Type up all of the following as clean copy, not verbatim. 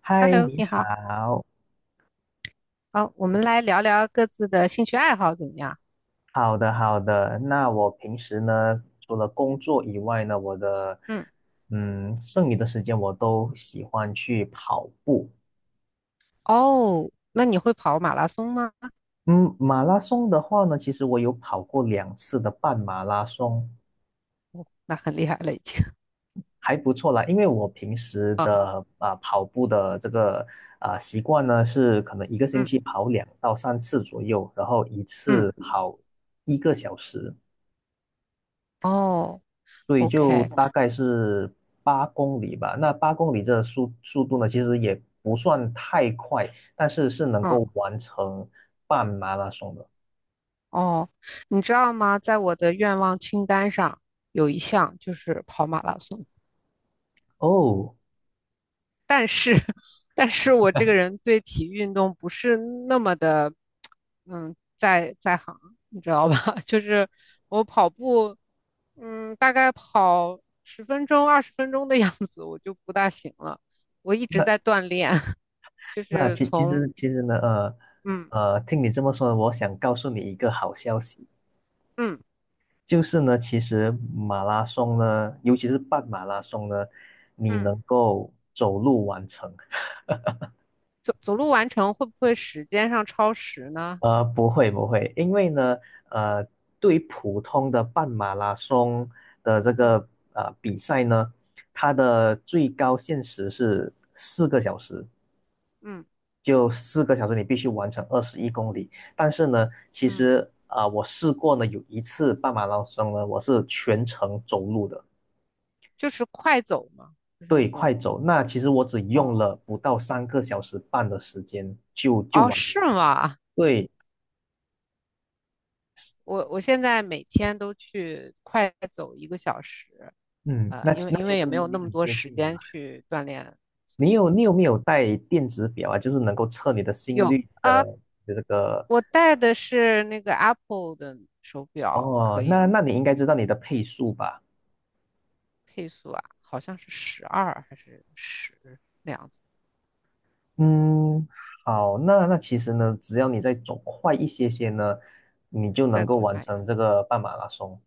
嗨，Hello，你你好，好，好，我们来聊聊各自的兴趣爱好怎么样？好的好的。那我平时呢，除了工作以外呢，我的嗯，剩余的时间我都喜欢去跑步。哦，那你会跑马拉松吗？嗯，马拉松的话呢，其实我有跑过2次的半马拉松，那很厉害了已经还不错啦。因为我平时啊。的跑步的这个习惯呢，是可能一个 星嗯期跑2到3次左右，然后一嗯，次跑一个小时。哦所以就，OK，大概是八公里吧。那八公里这速度呢，其实也不算太快，但是是能嗯够完成半马拉松的。哦，你知道吗？在我的愿望清单上有一项就是跑马拉松，哦，但是，但是我这个人对体育运动不是那么的，在行，你知道吧？就是我跑步，大概跑十分钟、20分钟的样子，我就不大行了。我一直那在锻炼，就那是其其从实其实呢，嗯听你这么说，我想告诉你一个好消息，嗯就是呢，其实马拉松呢，尤其是半马拉松呢，你嗯能够走路完成。走路完成，会不会时间上超时呢？不会不会，因为呢，呃，对于普通的半马拉松的这嗯个比赛呢，它的最高限时是四个小时，嗯就四个小时你必须完成二十一公里。但是呢，其嗯，实我试过呢，有一次半马拉松呢，我是全程走路的，就是快走嘛，就是对，那快种走。那其实我只用哦了不到3个小时半的时间就哦完成。是吗？对，我现在每天都去快走一个小时，嗯，那因其为那因其为也实没你有那你么很多接时近。间去锻炼。你有没有带电子表啊？就是能够测你的心有率啊，的这个。我戴的是那个 Apple 的手表，哦，可以那吗？那你应该知道你的配速吧？配速啊，好像是12还是十那样子，嗯，好，那其实呢，只要你再走快一些些呢，你就能再够走完快一成些。这个半马拉松。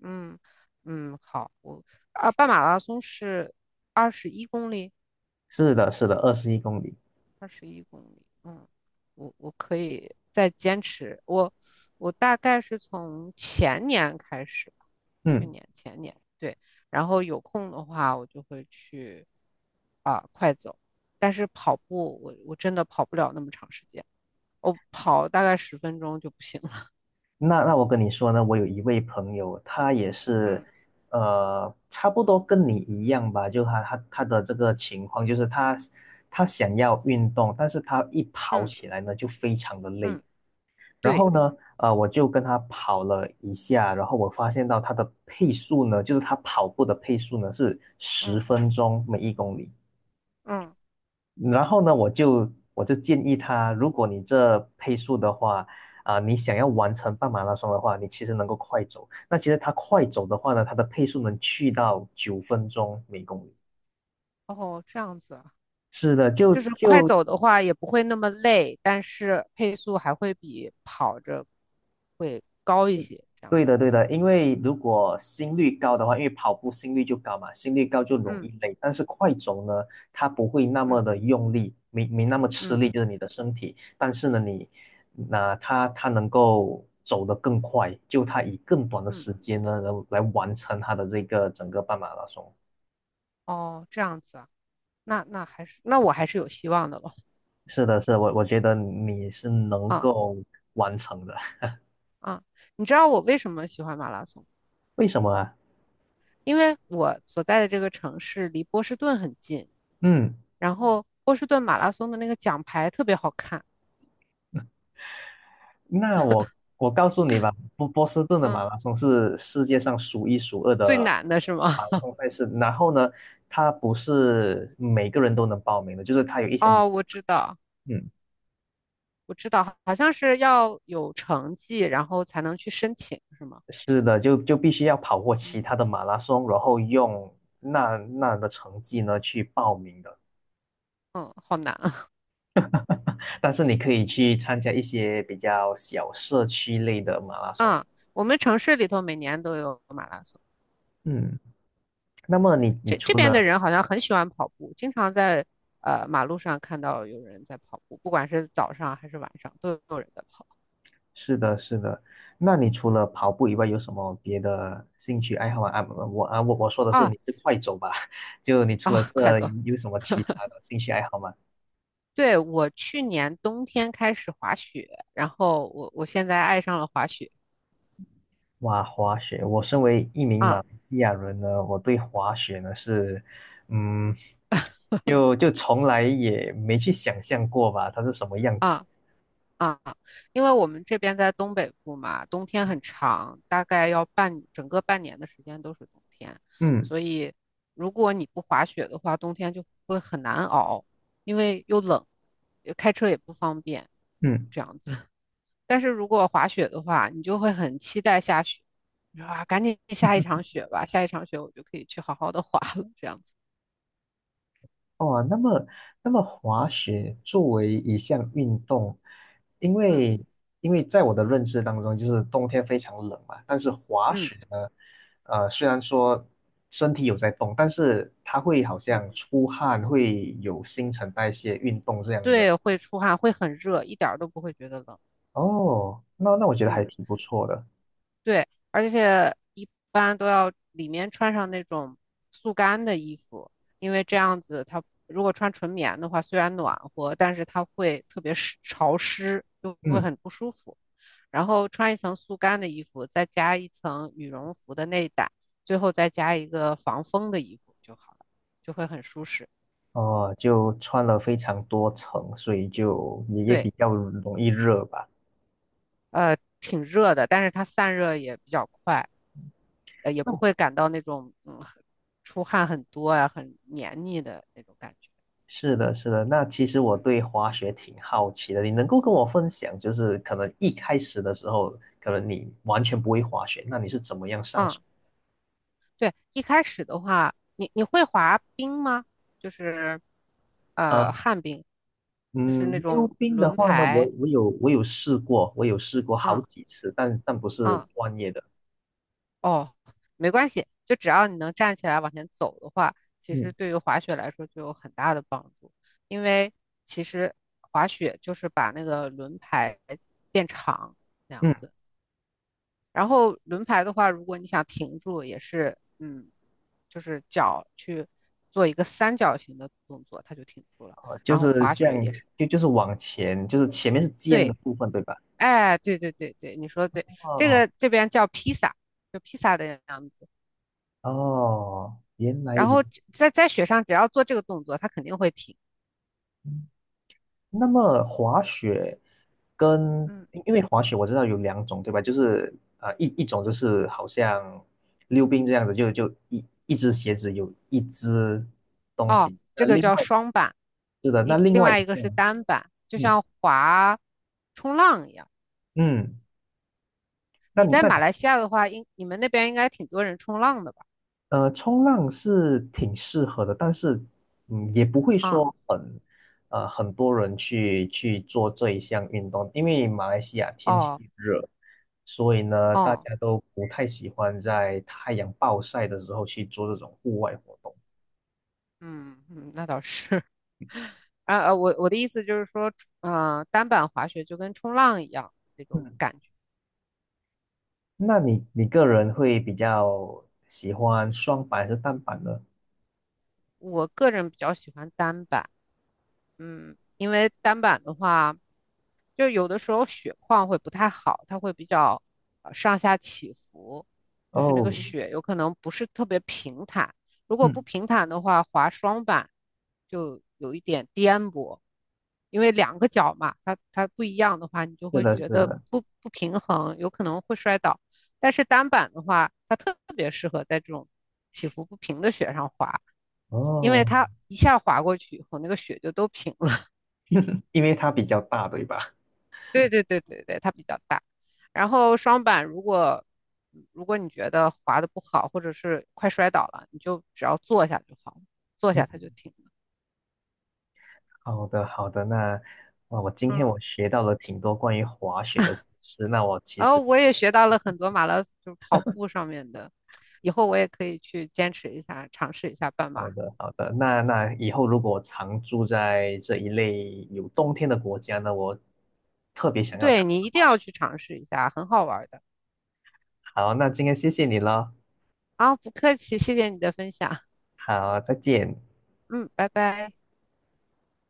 嗯嗯，好，半马拉松是二十一公里。是的，是的，二十一公里。二十一公里，嗯，我可以再坚持。我我大概是从前年开始吧，去嗯。年前年对，然后有空的话我就会去快走，但是跑步我真的跑不了那么长时间，我跑大概十分钟就不行了。那我跟你说呢，我有一位朋友，他也是，嗯差不多跟你一样吧，就他的这个情况，就是他想要运动，但是他一跑嗯起来呢就非常的累。嗯，然对，后呢，我就跟他跑了一下，然后我发现到他的配速呢，就是他跑步的配速呢是十嗯分钟每一公里。嗯，然后呢，我就建议他，如果你这配速的话，你想要完成半马拉松的话，你其实能够快走。那其实他快走的话呢，他的配速能去到9分钟每公里。哦，这样子。是的，就是快走的话也不会那么累，但是配速还会比跑着会高一些，这样对子的，对是的，吗？因为如果心率高的话，因为跑步心率就高嘛，心率高就容易嗯累。但是快走呢，它不会那么嗯的用力，没那么吃嗯力，就是你的身体。但是呢，那它能够走得更快，就它以更短的嗯，时间呢，能来完成它的这个整个半马拉松。哦，这样子啊，那我还是有希望的了是的，是的，我觉得你是能啊够完成的。啊！你知道我为什么喜欢马拉松？为什么啊？因为我所在的这个城市离波士顿很近，嗯。然后波士顿马拉松的那个奖牌特别好看，那我告诉你吧，波士顿的马嗯，拉松是世界上数一数二最的难的是吗？马拉松赛事。然后呢，它不是每个人都能报名的，就是它有一 些门。哦，我知道。嗯，我知道，好像是要有成绩，然后才能去申请，是吗？是的，就必须要跑过其他嗯的马拉松，然后用那的成绩呢去报名的。嗯，好难啊！但是你可以去参加一些比较小社区类的马拉松。嗯，我们城市里头每年都有马拉松。嗯，那嗯，么你这除边的了。人好像很喜欢跑步，经常在马路上看到有人在跑步，不管是早上还是晚上，都有人在跑。是的，是的。那你除嗯了跑步以外，有什么别的兴趣爱好吗？啊，我啊，我我说的是你啊是快走吧？就你除了啊，快这走！有什么其他的兴趣爱好吗？对，我去年冬天开始滑雪，然后我现在爱上了滑雪。哇，滑雪！我身为一名马啊来西亚人呢，我对滑雪呢是，嗯，就从来也没去想象过吧，它是什么样子。啊啊，因为我们这边在东北部嘛，冬天很长，大概要整个半年的时间都是冬天，嗯所以如果你不滑雪的话，冬天就会很难熬，因为又冷，开车也不方便，嗯。这样子。但是如果滑雪的话，你就会很期待下雪，你说啊，赶紧下一场雪吧，下一场雪我就可以去好好的滑了，这样子。哦，那么滑雪作为一项运动，因嗯为因为在我的认知当中，就是冬天非常冷嘛，但是滑嗯雪呢，虽然说身体有在动，但是它会好嗯，像出汗，会有新陈代谢运动这样的。对，会出汗，会很热，一点儿都不会觉得冷。哦，那我觉得还嗯。挺不错的。对，而且一般都要里面穿上那种速干的衣服，因为这样子它如果穿纯棉的话，虽然暖和，但是它会特别湿潮湿，就会嗯，很不舒服。然后穿一层速干的衣服，再加一层羽绒服的内胆，最后再加一个防风的衣服就好了，就会很舒适。哦，就穿了非常多层，所以就也对，比较容易热吧。挺热的，但是它散热也比较快。也不会感到那种出汗很多呀、很黏腻的那种感觉。是的，是的。那其实我嗯对滑雪挺好奇的，你能够跟我分享，就是可能一开始的时候，可能你完全不会滑雪，那你是怎么样上手？嗯，对，一开始的话，你会滑冰吗？就是呃，旱冰，就是那嗯，溜种冰的轮话呢，我排。我有我有试过，我有试过好嗯几次，但不是嗯，专业的。哦，没关系，就只要你能站起来往前走的话，其实嗯对于滑雪来说就有很大的帮助。因为其实滑雪就是把那个轮排变长，那样嗯。子。然后轮排的话，如果你想停住，也是，就是脚去做一个三角形的动作，它就停住了。就然后是滑像雪也是，就就是往前，就是前面是尖的对，部分，对吧？哎，对对对对，你说的对，这哦个这边叫披萨，就披萨的样子。哦。原来然如后在雪上，只要做这个动作，它肯定会停。那么滑雪跟嗯因因为滑雪我知道有两种，对吧？就是一种就是好像溜冰这样子，就一只鞋子有一只东哦，西。那这个另叫外。双板，是的，那另另外一外一个个。是单板，就嗯像滑冲浪一样。嗯。那你在那马来西亚的话，你们那边应该挺多人冲浪的吧？呃，冲浪是挺适合的，但是，也不会啊、说很多人去做这一项运动，因为马来西亚天气哦。热，所以呢，大哦，家都不太喜欢在太阳暴晒的时候去做这种户外活动。嗯嗯，那倒是。我的意思就是说，单板滑雪就跟冲浪一样那种嗯，感觉。那你个人会比较喜欢双板还是单板呢？我个人比较喜欢单板，因为单板的话，就有的时候雪况会不太好，它会比较上下起伏，就是那个哦，雪有可能不是特别平坦。如果不嗯，平坦的话，滑双板就有一点颠簸，因为两个脚嘛，它不一样的话，你就是会的，是觉得的，不平衡，有可能会摔倒。但是单板的话，它特别适合在这种起伏不平的雪上滑，因为哦，它一下滑过去以后，那个雪就都平了。因为它比较大，对吧？对对对对对，它比较大。然后双板如果你觉得滑的不好，或者是快摔倒了，你就只要坐下就好了，坐下嗯。它就停了。好的，好的。那我今天嗯，我学到了挺多关于滑雪的知识。那我其然后实我也学到了很多马拉松就是跑步上面的，以后我也可以去坚持一下，尝试一下半好马。的，好的。那以后如果我常住在这一类有冬天的国家呢，我特别想要尝对你一定试。要去尝试一下，很好玩的。好，那今天谢谢你了。啊，不客气，谢谢你的分享。好，再见。嗯，拜拜。